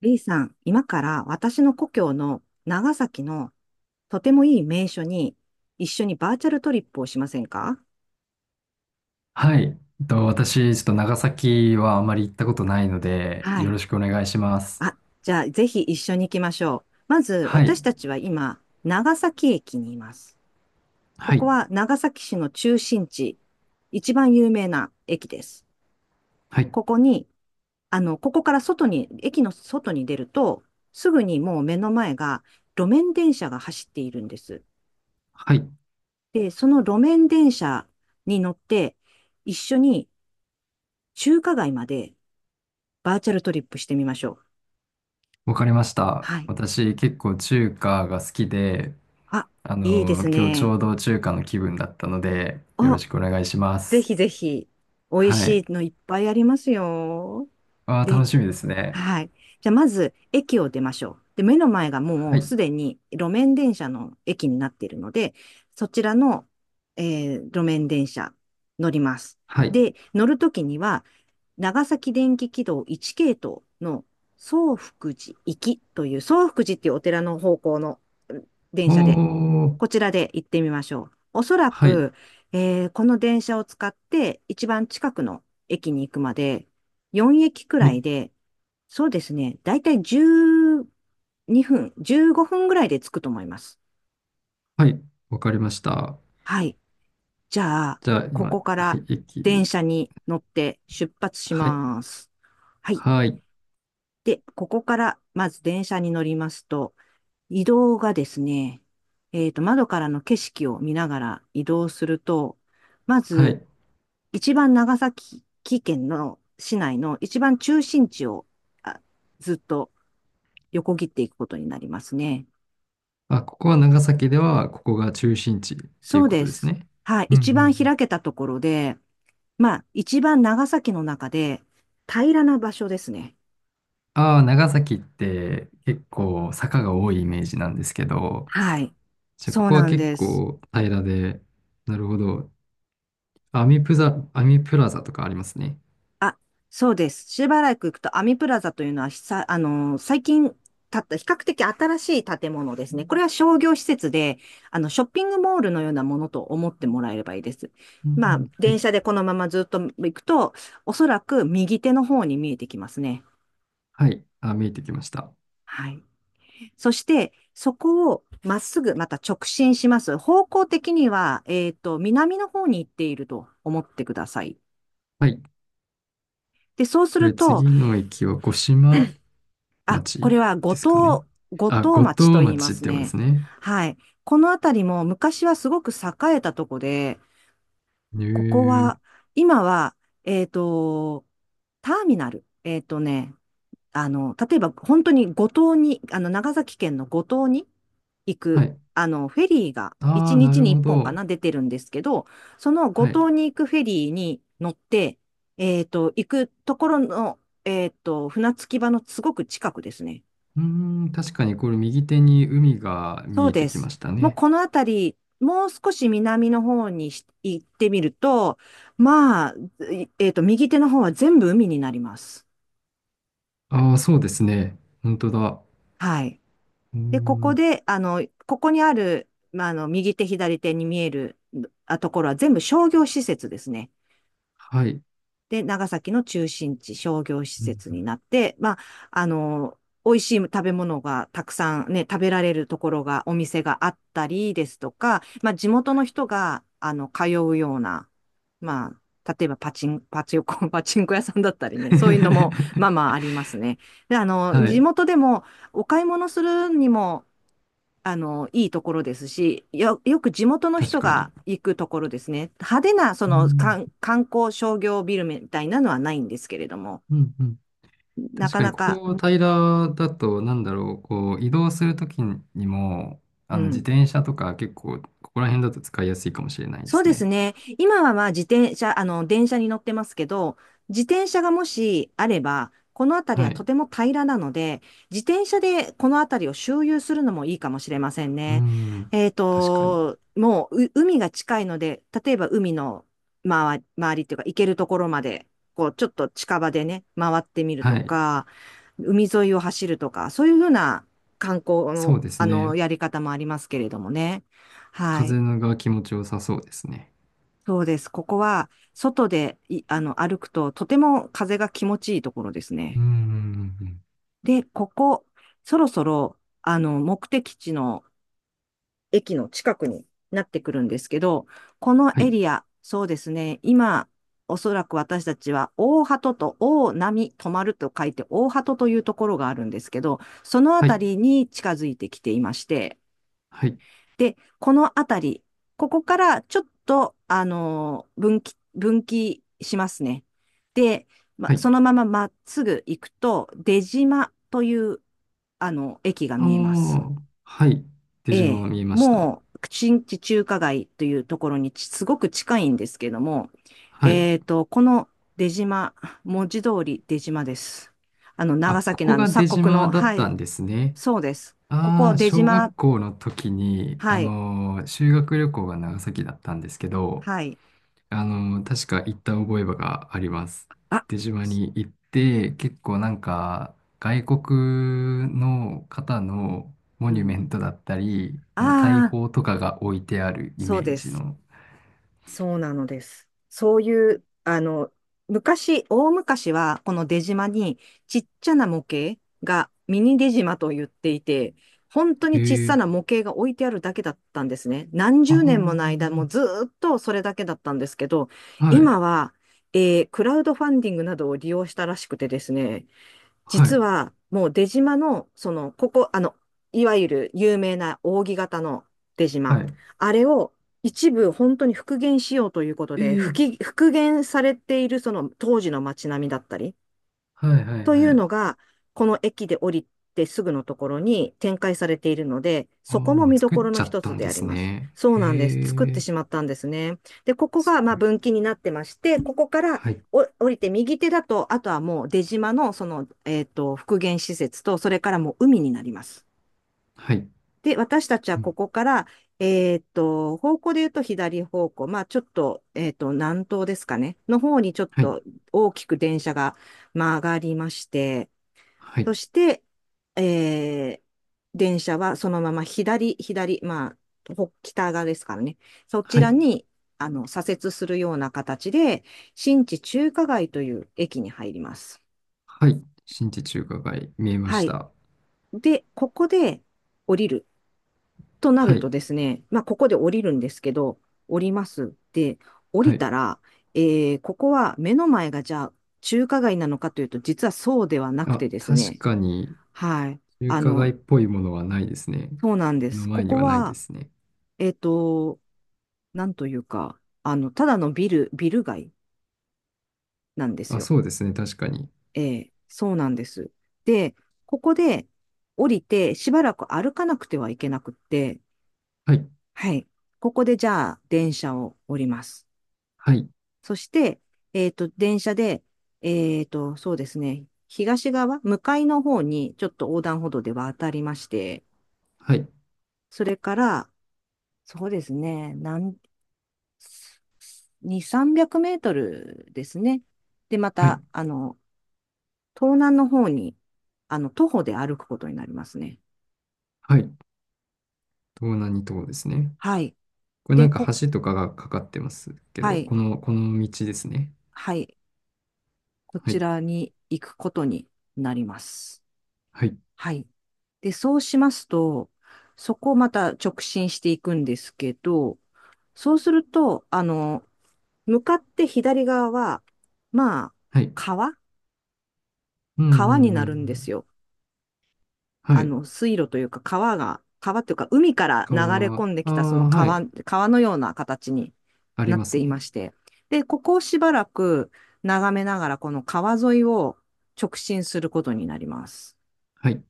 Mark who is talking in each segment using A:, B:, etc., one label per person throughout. A: B さん、今から私の故郷の長崎のとてもいい名所に一緒にバーチャルトリップをしませんか？
B: はい。私、ちょっと長崎はあまり行ったことないので、
A: は
B: よ
A: い。
B: ろしくお願いします。
A: あ、じゃあぜひ一緒に行きましょう。まず
B: はい。
A: 私たちは今、長崎駅にいます。こ
B: は
A: こ
B: い。
A: は長崎市の中心地、一番有名な駅です。
B: はい。
A: ここに、ここから外に、駅の外に出ると、すぐにもう目の前が路面電車が走っているんです。
B: はい。
A: で、その路面電車に乗って、一緒に中華街までバーチャルトリップしてみましょう。
B: わかりました。
A: はい。
B: 私、結構中華が好きで、
A: あ、
B: あ
A: いいで
B: の
A: す
B: 今日ち
A: ね。
B: ょうど中華の気分だったので、よろ
A: あ、
B: しくお願いしま
A: ぜ
B: す。
A: ひぜひ、美味
B: は
A: し
B: い。
A: いのいっぱいありますよ。
B: ああ、楽
A: で、
B: しみですね。
A: はい。じゃあ、まず、駅を出ましょう。で、目の前が
B: は
A: もう
B: い。
A: すでに路面電車の駅になっているので、そちらの、路面電車乗ります。
B: はい。
A: で、乗るときには、長崎電気軌道1系統の宗福寺行きという、宗福寺っていうお寺の方向の電
B: お
A: 車で、
B: ー。
A: こちらで行ってみましょう。おそら
B: はい。
A: く、この電車を使って一番近くの駅に行くまで、4駅く
B: は
A: らい
B: い。
A: で、そうですね、だいたい12分、15分ぐらいで着くと思います。
B: はい。わかりました。
A: はい。じゃあ、
B: じゃあ、
A: こ
B: 今、
A: こか
B: は
A: ら
B: い。駅
A: 電
B: を。
A: 車に乗って出発し
B: はい。
A: ます。はい。
B: はい。
A: で、ここからまず電車に乗りますと、移動がですね、窓からの景色を見ながら移動すると、ま
B: は
A: ず、
B: い。
A: 一番長崎県の市内の一番中心地をあずっと横切っていくことになりますね。
B: あ、ここは長崎では、ここが中心地ってい
A: そ
B: う
A: う
B: こと
A: で
B: です
A: す。
B: ね。
A: はい。
B: うんう
A: 一
B: んう
A: 番
B: ん。
A: 開けたところで、まあ、一番長崎の中で平らな場所ですね。
B: ああ、長崎って結構坂が多いイメージなんですけど、
A: はい。
B: じゃあこ
A: そう
B: こは
A: なん
B: 結
A: です。
B: 構平らで、なるほど。アミプザ、アミプラザとかありますね。
A: あ、そうです。しばらく行くと、アミプラザというのは、ひさ、あのー、最近建った、比較的新しい建物ですね。これは商業施設で、ショッピングモールのようなものと思ってもらえればいいです。
B: うんう
A: まあ、
B: ん、は
A: 電
B: い。
A: 車でこのままずっと行くと、おそらく右手の方に見えてきますね。
B: はい。あ、見えてきました。
A: はい。そして、そこをまっすぐまた直進します。方向的には、南の方に行っていると思ってください。
B: はい。
A: で、そうす
B: こ
A: る
B: れ
A: と、
B: 次の駅は五島
A: こ
B: 町
A: れは五
B: ですかね。
A: 島、五
B: あ、
A: 島
B: 五
A: 町と
B: 島
A: 言いま
B: 町って
A: す
B: 読むんで
A: ね。
B: すね。
A: はい。この辺りも昔はすごく栄えたとこで、
B: へ
A: ここ
B: え。
A: は、今は、えっと、ターミナル。例えば本当に五島に、長崎県の五島に行
B: は
A: く、
B: い。
A: フェリーが
B: あ
A: 1
B: あ、な
A: 日
B: る
A: に
B: ほ
A: 1本か
B: ど。
A: な、出てるんですけど、その五
B: はい。
A: 島に行くフェリーに乗って、行くところの、船着き場のすごく近くですね。
B: うーん、確かにこれ右手に海が
A: そ
B: 見
A: う
B: えて
A: で
B: きま
A: す。
B: した
A: もう
B: ね。
A: この辺り、もう少し南の方にし行ってみると、まあ、いえっと、右手の方は全部海になります。
B: ああ、そうですね。本当だ。
A: はい。
B: うー
A: で、ここ
B: ん、
A: で、ここにある、右手、左手に見えるところは全部商業施設ですね。
B: はい。
A: で、長崎の中心地、商業施
B: うん
A: 設になって、まあ、あの、美味しい食べ物がたくさんね、食べられるところが、お店があったりですとか、まあ、地元の人が、通うような、まあ、例えばパチンコ、パチンコ屋さんだったりね、そういうのも、まあまあ ありますね。で、
B: は
A: 地
B: い。
A: 元でも、お買い物するにも、いいところですし、よく地元の
B: 確
A: 人
B: か
A: が
B: に。
A: 行くところですね。派手な、そ
B: う
A: の、
B: ん、
A: 観光商業ビルみたいなのはないんですけれども、
B: うん、うん。
A: な
B: 確
A: か
B: かに、
A: な
B: こ
A: か、
B: こ平らだと、なんだろう、こう、移動するときにも、
A: う
B: あの、自
A: ん、
B: 転車とか結構、ここら辺だと使いやすいかもしれないで
A: そう
B: す
A: です
B: ね。
A: ね。今はまあ自転車、電車に乗ってますけど、自転車がもしあれば、この辺り
B: は
A: はと
B: い。
A: ても平らなので、自転車でこの辺りを周遊するのもいいかもしれません
B: う
A: ね。
B: ん、確かに。
A: もう、海が近いので、例えば海の周り、周りっていうか、行けるところまで、こう、ちょっと近場でね、回ってみると
B: はい。
A: か、海沿いを走るとか、そういうふうな観光
B: そう
A: の、
B: ですね。
A: やり方もありますけれどもね。はい。
B: 風が気持ちよさそうですね。
A: そうです。ここは、外でい、あの、歩くと、とても風が気持ちいいところです
B: うん
A: ね。
B: うん。
A: で、ここ、そろそろ、目的地の駅の近くになってくるんですけど、この
B: は
A: エ
B: い
A: リア、そうですね。今、おそらく私たちは、大鳩と大波止まると書いて、大鳩というところがあるんですけど、そのあ
B: は
A: た
B: い、
A: りに近づいてきていまして、
B: はい、
A: で、このあたり、ここからちょっと、分岐しますね。で、ま、
B: はい。
A: そのまままっすぐ行くと、出島という、駅が
B: あ
A: 見えます。
B: あ、はい。出
A: え
B: 島
A: え、
B: 見えました。
A: もう、新地中華街というところにすごく近いんですけども、
B: はい。
A: この出島、文字通り出島です。あの、
B: あ、
A: 長
B: こ
A: 崎の
B: こ
A: あの、
B: が出
A: 鎖国
B: 島
A: の、
B: だっ
A: は
B: た
A: い、
B: んですね。
A: そうです。こ
B: あ
A: こ
B: あ、
A: 出
B: 小
A: 島、
B: 学校の時に、あ
A: はい、
B: のー修学旅行が長崎だったんですけど、
A: はい。
B: あのー確か行った覚えがあります。
A: あ、
B: 出島に行って、結構なんか、外国の方のモ
A: う
B: ニュメ
A: ん。
B: ントだったり、あの、大
A: ああ、
B: 砲とかが置いてあるイ
A: そ
B: メ
A: う
B: ー
A: で
B: ジ
A: す。
B: の。
A: そうなのです。そういう、あの、昔、大昔は、この出島に、ちっちゃな模型がミニ出島と言っていて、本当に
B: へ
A: 小さ
B: え。
A: な模型が置いてあるだけだったんですね。何
B: あ
A: 十年もの
B: あ。
A: 間、もうずーっとそれだけだったんですけど、
B: はい
A: 今は、クラウドファンディングなどを利用したらしくてですね、
B: は
A: 実
B: い、
A: は、もう出島の、その、ここ、あの、いわゆる有名な扇形の出島。
B: はい。
A: あれを一部本当に復元しようということ
B: え
A: で、
B: え、
A: 復元されているその当時の街並みだったり、
B: はい、はい、
A: とい
B: は
A: う
B: い。
A: のが、この駅で降りてすぐのところに展開されているので、
B: ああ、
A: そこも
B: もう
A: 見ど
B: 作っ
A: ころ
B: ち
A: の
B: ゃっ
A: 一
B: た
A: つ
B: ん
A: で
B: で
A: あり
B: す
A: ます。
B: ね。
A: そう
B: へ
A: なんです。作って
B: え、
A: しまったんですね。で、ここ
B: す
A: がまあ
B: ごい。
A: 分岐になってまして、ここから
B: はい、
A: 降りて右手だと、あとはもう出島のその、復元施設と、それからもう海になります。
B: はい、
A: で、私たちは
B: うん、
A: ここから、方向で言うと左方向、まあちょっと、えっと、南東ですかね、の方にちょっ
B: はい、
A: と大きく電車が曲がりまして、
B: は
A: そ
B: い、
A: して、えー電車はそのまま左、左、あ、北側ですからね。そち
B: は
A: ら
B: い、
A: に、左折するような形で、新地中華街という駅に入ります。
B: はい。新地中華街、見えま
A: は
B: し
A: い。
B: た。
A: で、ここで降りるとな
B: は
A: る
B: い、
A: とですね、まあ、ここで降りるんですけど、降ります。で、降
B: は
A: り
B: い。
A: たら、ここは目の前がじゃあ中華街なのかというと、実はそうではなく
B: あ、
A: てです
B: 確
A: ね、
B: かに、
A: はい。
B: 中
A: あ
B: 華街っ
A: の、
B: ぽいものはないですね。
A: そうなんで
B: 目の
A: す。こ
B: 前に
A: こ
B: はないで
A: は、
B: すね。
A: えっと、なんというか、あの、ただのビル、ビル街なんです
B: あ、
A: よ。
B: そうですね、確かに。
A: ええ、そうなんです。で、ここで降りて、しばらく歩かなくてはいけなくって、
B: はい、
A: はい。ここでじゃあ、電車を降ります。
B: はい、
A: そして、電車で、そうですね、東側、向かいの方に、ちょっと横断歩道で渡りまして、
B: はい、
A: それから、そうですね、2、300メートルですね。で、ま
B: は
A: た、
B: い、
A: 東南の方に、徒歩で歩くことになりますね。
B: はい。東南に島ですね。
A: はい。
B: これな
A: で、
B: んか橋とかがかかってますけ
A: は
B: ど、
A: い、
B: この、この道ですね。
A: はい。こ
B: は
A: ち
B: い。
A: らに行くことになります。
B: はい。
A: はい。で、そうしますと、そこをまた直進していくんですけど、そうすると、向かって左側は、まあ、
B: はい。
A: 川
B: うんう
A: 川に
B: んうん
A: なるんで
B: う
A: す
B: ん。
A: よ。
B: はい。
A: 水路というか川が、川というか海から流れ
B: 川、
A: 込んで
B: あ
A: き
B: あ、
A: たその
B: は
A: 川、
B: い。
A: 川のような形に
B: あり
A: なっ
B: ま
A: て
B: す
A: いま
B: ね。
A: して。で、ここをしばらく眺めながらこの川沿いを直進することになります。
B: はい。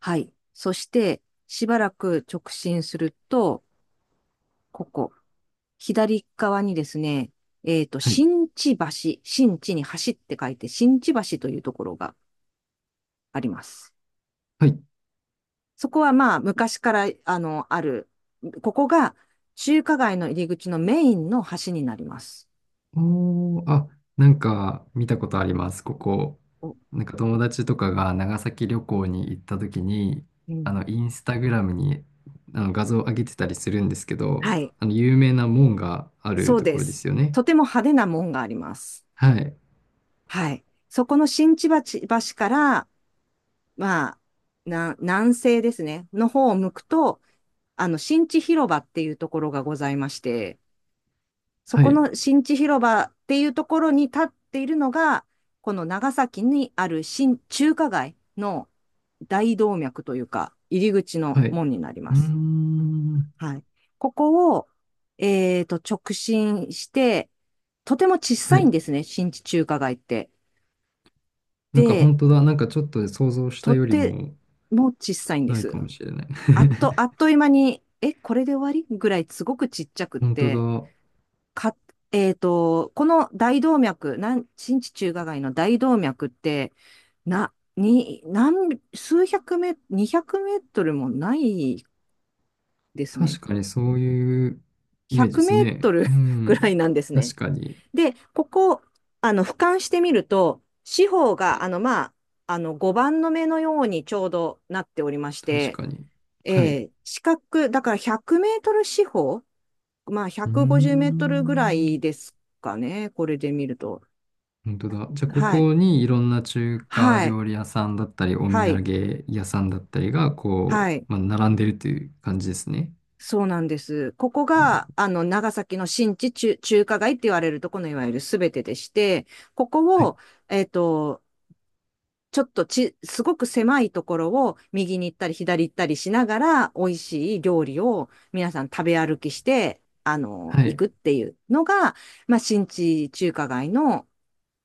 A: はい。そして、しばらく直進すると、ここ、左側にですね、
B: はい。
A: 新地橋、新地に走って書いて、新地橋というところがあります。
B: はい。
A: そこはまあ昔からあのある、ここが中華街の入り口のメインの橋になります。
B: おー、あ、なんか見たことあります、ここ。
A: お、
B: なんか友達とかが長崎旅行に行った時に、
A: う
B: あ
A: ん。
B: の、インスタグラムにあの画像を上げてたりするんですけど、
A: はい、
B: あの、有名な門があ
A: そ
B: る
A: う
B: と
A: で
B: ころで
A: す。
B: すよね。
A: とても派手な門があります。
B: はい。
A: はい。そこの新千葉ち橋から、まあ、南西ですね、の方を向くと、新地広場っていうところがございまして、そ
B: は
A: こ
B: い。
A: の新地広場っていうところに立っているのが、この長崎にある新中華街の大動脈というか、入り口の
B: はい。う
A: 門になりま
B: ー
A: す。
B: ん。
A: はい。ここを、直進して、とても小さ
B: は
A: いん
B: い。
A: ですね、新地中華街って。
B: なんか
A: で、
B: 本当だ。なんかちょっと想像した
A: と
B: より
A: て
B: も、
A: も小さいんで
B: ないか
A: す。
B: もしれない。
A: あっ という間に、これで終わりぐらいすごくちっちゃくっ
B: 本当
A: て、
B: だ。
A: か、えっと、この大動脈、新地中華街の大動脈って、な、に、何、数百メ、200メートルもないですね。
B: 確かにそういうイ
A: 100
B: メージで
A: メ
B: す
A: ー
B: ね。
A: トル
B: う
A: ぐらい
B: ん。
A: なんですね。
B: 確かに。
A: で、ここ、俯瞰してみると、四方
B: は
A: が、
B: い。
A: 5番の目のようにちょうどなっておりまし
B: 確
A: て、
B: かに。はい。う
A: えー四角、だから100メートル四方、まあ、
B: ー
A: 150メートルぐら
B: ん。
A: いですかね、これで見ると。
B: 本当だ。じゃあ、こ
A: はい。
B: こにいろんな中華
A: はい、
B: 料理屋さんだったり、お土
A: はい、
B: 産屋さんだったりが、
A: は
B: こ
A: い。
B: う、まあ、並んでるという感じですね。
A: そうなんです。ここ
B: う
A: が、
B: ん
A: 長崎の新地中、中華街って言われるとこのいわゆるすべてでして、こ
B: は
A: こ
B: い。
A: を、えっと、ちょっとち、すごく狭いところを右に行ったり左行ったりしながら、美味しい料理を皆さん食べ歩きして、
B: は
A: 行
B: い。
A: くっていうのが、まあ、新地中華街の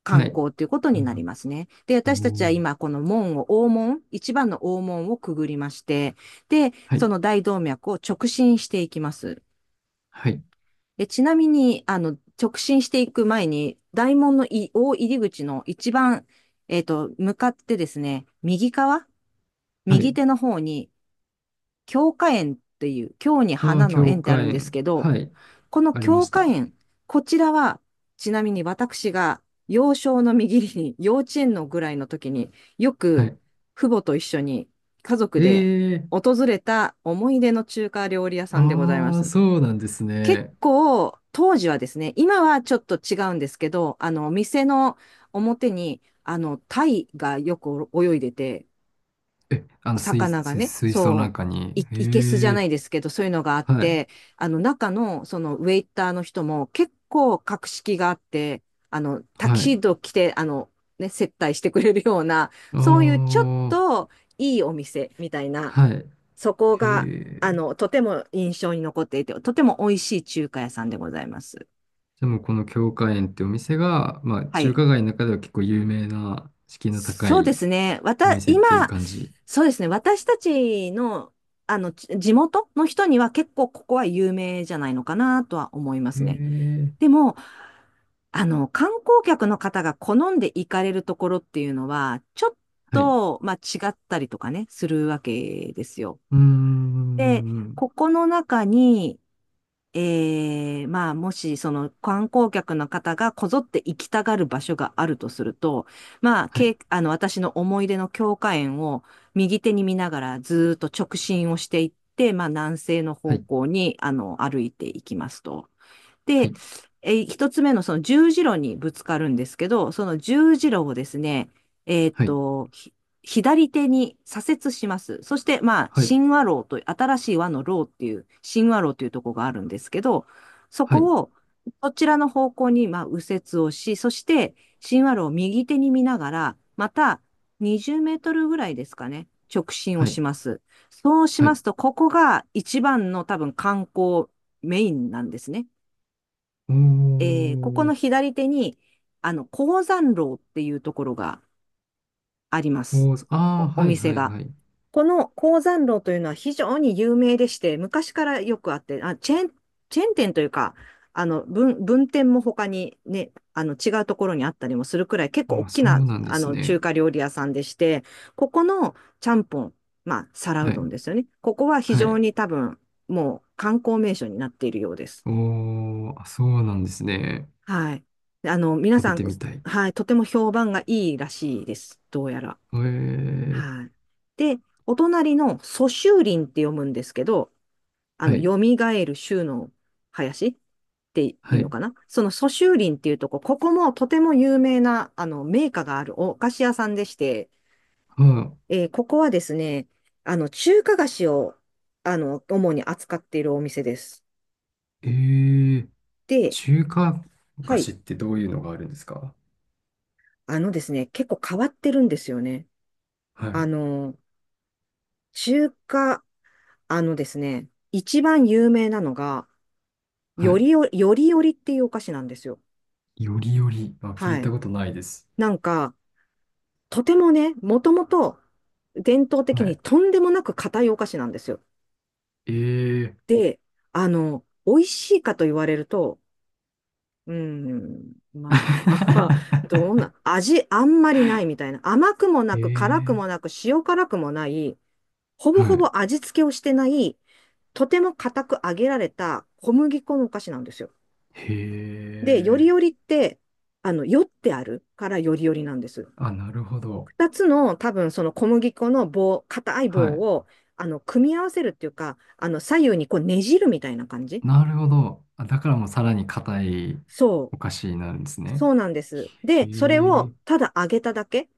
A: 観
B: はい。
A: 光ということ
B: う
A: になり
B: ん。
A: ますね。で、私たちは
B: おー
A: 今、この門を、大門、一番の大門をくぐりまして、で、
B: は
A: そ
B: い。
A: の大動脈を直進していきます。
B: はい。
A: で、ちなみに、直進していく前に、大門の大入り口の一番、向かってですね、
B: は
A: 右
B: い。
A: 手の方に、京花園っていう、京に
B: ああ、
A: 花の
B: 教
A: 園ってあ
B: 科
A: るんです
B: 園。
A: けど、
B: はい。
A: この
B: ありま
A: 京
B: し
A: 花
B: た。
A: 園、こちらは、ちなみに私が幼少の右に、幼稚園のぐらいの時によ
B: は
A: く
B: い。
A: 父母と一緒に家族で
B: ええ
A: 訪れた思い出の中華料理屋さんでございま
B: ああ、
A: す。
B: そうなんです
A: 結
B: ね。
A: 構、当時はですね、今はちょっと違うんですけど、店の表に、タイがよく泳いでて、
B: え、あの、水、
A: 魚が
B: 水
A: ね、
B: 水槽の
A: そ
B: 中に。
A: う、いけすじゃ
B: へ
A: な
B: え、
A: いですけど、そういうのがあっ
B: はい、
A: て、中の、ウェイターの人も結構格式があって、タキ
B: は
A: シー
B: い。
A: ド着て、ね、接待してくれるような、
B: あ
A: そういうちょっ
B: あ、
A: といいお店みたいな、
B: はい。
A: そこ
B: へ
A: が、
B: え。
A: とても印象に残っていて、とても美味しい中華屋さんでございます。
B: でも、この京華園ってお店が、まあ、
A: は
B: 中
A: い。
B: 華街の中では結構有名な、敷居の高
A: そうで
B: い
A: すね。
B: お店っていう
A: 今、
B: 感じ。
A: そうですね。私たちの、地元の人には結構ここは有名じゃないのかなとは思いま
B: へ
A: すね。
B: え、
A: でも、観光客の方が好んで行かれるところっていうのは、ちょっ
B: はい。う
A: と、まあ、違ったりとかね、するわけですよ。
B: ー
A: で、
B: ん、
A: ここの中に、まあ、もし、その観光客の方がこぞって行きたがる場所があるとすると、まあ、
B: は
A: け
B: い、
A: い、あの、私の思い出の教科園を右手に見ながらずーっと直進をしていって、まあ、南西の
B: は
A: 方
B: い、
A: 向に、歩いていきますと。
B: は
A: で、
B: い、
A: 一つ目のその十字路にぶつかるんですけど、その十字路をですね、えーっ
B: はい、
A: と、ひ左手に左折します。そして、まあ、
B: はい、
A: 新和路という、新しい和の路っていう、新和路というところがあるんですけど、そ
B: はい、
A: こを、そちらの方向に、まあ、右折をし、そして、新和路を右手に見ながら、また、20メートルぐらいですかね、直進を
B: はい、
A: します。そうし
B: は
A: ま
B: い。
A: すと、ここが一番の多分観光メインなんですね。
B: お
A: ここの
B: ー、
A: 左手に、鉱山楼っていうところがあります。
B: こう、ああ、
A: お
B: はい、
A: 店
B: はい、
A: が。
B: はい。
A: この鉱山楼というのは非常に有名でして、昔からよくあって、チェーン店というか、分店も他にね、違うところにあったりもするくらい、結構
B: あ
A: 大
B: あ、
A: き
B: そ
A: な、
B: うなんです
A: 中
B: ね。
A: 華料理屋さんでして、ここのちゃんぽん、まあ、皿
B: は
A: うどん
B: い。
A: ですよね。ここは非
B: は
A: 常
B: い。
A: に多分、もう観光名所になっているようです。
B: おー、あそうなんですね。
A: はい。皆
B: 食べ
A: さん、
B: てみたい。
A: はい、とても評判がいいらしいです。どうやら。
B: えー、
A: はい。で、お隣の蘇州林って読むんですけど、
B: はい、
A: 蘇る州の林ってい
B: は
A: うの
B: い。
A: かな。その蘇州林っていうとこ、ここもとても有名な、名家があるお菓子屋さんでして、
B: は
A: ここはですね、中華菓子を、主に扱っているお店です。
B: えー、
A: で、
B: 中華
A: は
B: 菓子
A: い。
B: ってどういうのがあるんですか？
A: あのですね、結構変わってるんですよね。
B: は
A: あ
B: い、
A: の、中華、あのですね、一番有名なのが、
B: はい。
A: よりよりっていうお菓子なんですよ。
B: よりより。あ、聞
A: は
B: いた
A: い。
B: ことないです。
A: なんか、とてもね、もともと伝統的
B: は
A: に
B: い。
A: とんでもなく硬いお菓子なんですよ。
B: えー、
A: で、美味しいかと言われると、うーん、まあ、どうな、味あんまりないみたいな。甘くもな
B: え
A: く、辛く
B: ー、
A: もなく、塩辛くもない、ほぼ
B: は
A: ほ
B: い。
A: ぼ味付けをしてない、とても硬く揚げられた小麦粉のお菓子なんですよ。
B: へ
A: で、よりよ
B: ー。
A: りって、よってあるからよりよりなんです。
B: あ、なるほど。
A: 二つの多分その小麦粉の棒、硬い
B: は
A: 棒
B: い。
A: を、組み合わせるっていうか、左右にこうねじるみたいな感じ
B: なるほど。あ、だからもうさらに硬い
A: そう。
B: お菓子になるんですね。
A: そうなんです。
B: へ
A: で、それを
B: ー。
A: ただ揚げただけ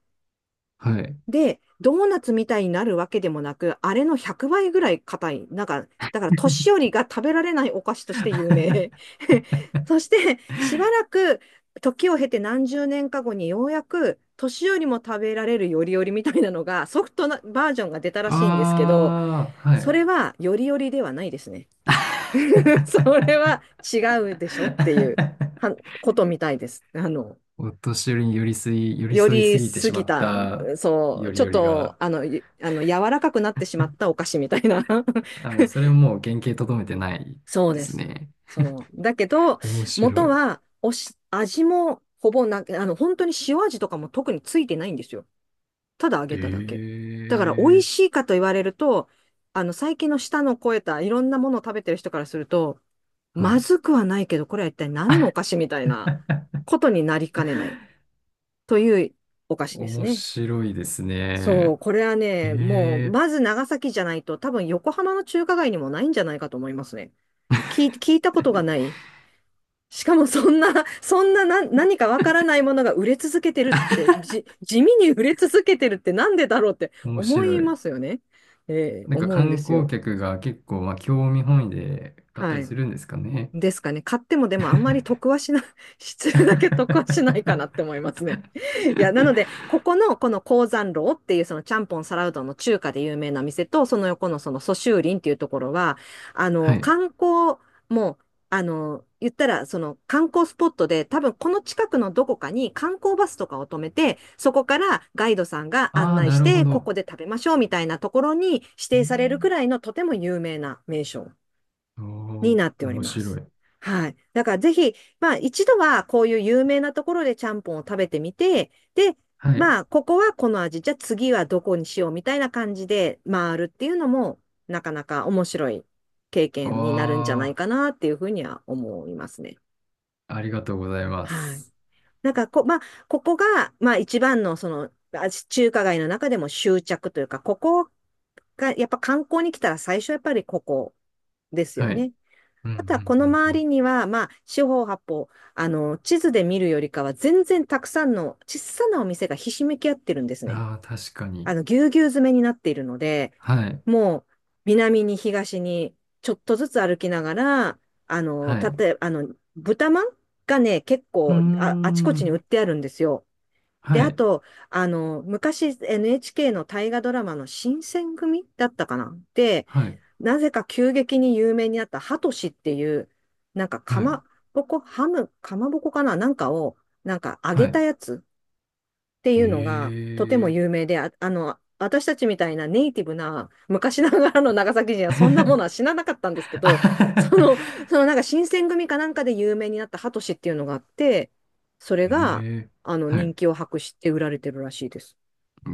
B: はい。
A: で、ドーナツみたいになるわけでもなく、あれの100倍ぐらい硬い。なんか、だから年寄りが食べられないお菓子として有名。そして、しばらく時を経て何十年か後にようやく年寄りも食べられるよりよりみたいなのがソフトなバージョンが出たらしいんですけど、
B: ああ、は
A: そ
B: い。
A: れはよりよりではないですね。それは違うでしょっていうは ことみたいです。
B: お年寄りに寄り添い、寄り
A: よ
B: 添いす
A: り
B: ぎて
A: 過
B: しま
A: ぎ
B: っ
A: た、
B: た
A: そう、
B: より
A: ちょっ
B: より
A: と、
B: が、
A: あの、ゆあの、柔らかくなってしまったお菓子みたいな。
B: あ、もうそれもう原型とどめてない
A: そう
B: で
A: で
B: す
A: す。
B: ね。
A: そう。だけど、
B: 面白
A: 元
B: い。
A: は、味もほぼな、本当に塩味とかも特についてないんですよ。ただ揚げただけ。だから、美味
B: ええ
A: しいかと言われると、最近の舌の肥えたいろんなものを食べてる人からすると、
B: は
A: ま
B: い。
A: ずくはないけど、これは一体何のお菓子みたいなことになりかねないというお菓子です
B: 面
A: ね。
B: 白いです
A: そう、
B: ね。
A: これは
B: え
A: ね、もう、ま
B: え
A: ず長崎じゃないと、多分横浜の中華街にもないんじゃないかと思いますね。聞いたことがない。しかもそんな、そんな、何かわからないものが売れ続けてるって、地味に売れ続けてるってなんでだろうって
B: 面白
A: 思い
B: い。
A: ますよね。
B: なんか
A: 思うんで
B: 観
A: す
B: 光
A: よ。
B: 客が結構、まあ、興味本位で買った
A: は
B: り
A: い。
B: するんですかね。
A: ですかね。買ってもでもあんまり得はしない、失礼だけ得はしないか なって思いますね。いや、なので、ここの、この江山楼っていうそのちゃんぽんサラうどんの中華で有名な店と、その横のその蘇州林っていうところは、
B: はい。
A: 観光も、言ったらその観光スポットで、多分この近くのどこかに観光バスとかを止めて、そこからガイドさんが案
B: ああ、
A: 内
B: な
A: し
B: るほ
A: て、こ
B: ど。
A: こで食べましょうみたいなところに指
B: う
A: 定されるく
B: ん
A: らいのとても有名な名所
B: お
A: に
B: ー
A: なっており
B: 面
A: ま
B: 白
A: す。
B: い。
A: はい。だからぜひ、まあ一度はこういう有名なところでちゃんぽんを食べてみて、で、
B: はい。
A: まあここはこの味、じゃあ次はどこにしようみたいな感じで回るっていうのも、なかなか面白い経験になるんじゃな
B: あ
A: いかなっていうふうには思いますね。
B: あ、ありがとうございま
A: はい。
B: す。
A: なんかこ、まあ、ここが、まあ一番のその、中華街の中でも執着というか、ここがやっぱ観光に来たら最初やっぱりここですよ
B: はい。
A: ね。
B: うんう
A: あとはこ
B: ん
A: の
B: う
A: 周
B: んう
A: りには、まあ、四方八方、地図で見るよりかは全然たくさんの小さなお店がひしめき合ってるんです
B: ん。
A: ね。
B: ああ、確かに。
A: ぎゅうぎゅう詰めになっているので、
B: はい。
A: もう、南に東にちょっとずつ歩きながら、あの、
B: はい。
A: たと
B: う
A: えあの、豚まんがね、結
B: ー
A: 構あ、あちこちに売
B: ん。
A: ってあるんですよ。
B: は
A: で、あ
B: い。
A: と、あの、昔 NHK の大河ドラマの新選組だったかなで、
B: はい。
A: なぜか急激に有名になったハトシっていう、なんかか
B: はい。
A: まぼこ、ハム、かまぼこかななんかを、なんか揚
B: は
A: げた
B: い。
A: やつってい
B: へ
A: うのがとても
B: え。
A: 有名で、私たちみたいなネイティブな昔ながらの長崎人はそんなものは知らなかったんですけ
B: あ
A: ど、
B: は
A: その、
B: は
A: そのなんか新選組かなんかで有名になったハトシっていうのがあって、それが
B: へえ。
A: あの
B: は
A: 人
B: い。
A: 気を博して売られてるらしいです。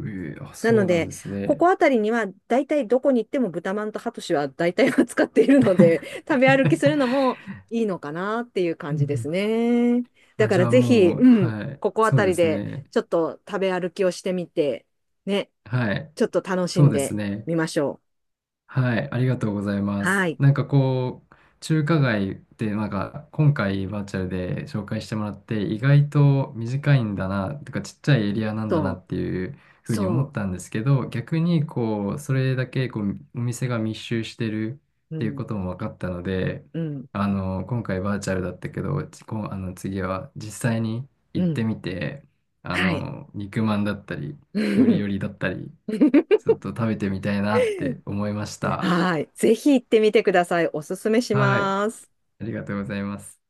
B: ええ、あ、
A: な
B: そ
A: の
B: うなん
A: で、
B: です
A: こ
B: ね。
A: こあたりには、だいたいどこに行っても豚まんとハトシは大体は使っているので、食べ歩きするのもいいのかなっていう
B: う
A: 感
B: んう
A: じです
B: ん
A: ね。だ
B: あ、
A: か
B: じ
A: ら
B: ゃあ
A: ぜひ、
B: もう、
A: うん、
B: はい。
A: ここあ
B: そ
A: た
B: うで
A: り
B: す
A: で
B: ね。
A: ちょっと食べ歩きをしてみて、ね、
B: はい。
A: ちょっと楽し
B: そう
A: ん
B: です
A: で
B: ね。
A: みましょう。
B: はい、ありがとうございま
A: は
B: す。
A: い。
B: なんかこう、中華街ってなんか今回バーチャルで紹介してもらって意外と短いんだな、とかちっちゃいエリアなんだな
A: と、
B: っていうふうに思っ
A: そ
B: たんですけど、逆にこう、それだけこうお店が密集してる
A: う、
B: っ
A: う
B: ていうこ
A: ん、
B: とも分かったので、
A: うん、
B: あの、今回バーチャルだったけど、こうあの次は実際に
A: う
B: 行っ
A: ん、
B: てみて、あ
A: はい。
B: の、肉まんだったり、よりより だったり、ちょっと食べてみたいなって思いました。
A: はい。ぜひ行ってみてください。おすすめし
B: はい。
A: ます。
B: ありがとうございます。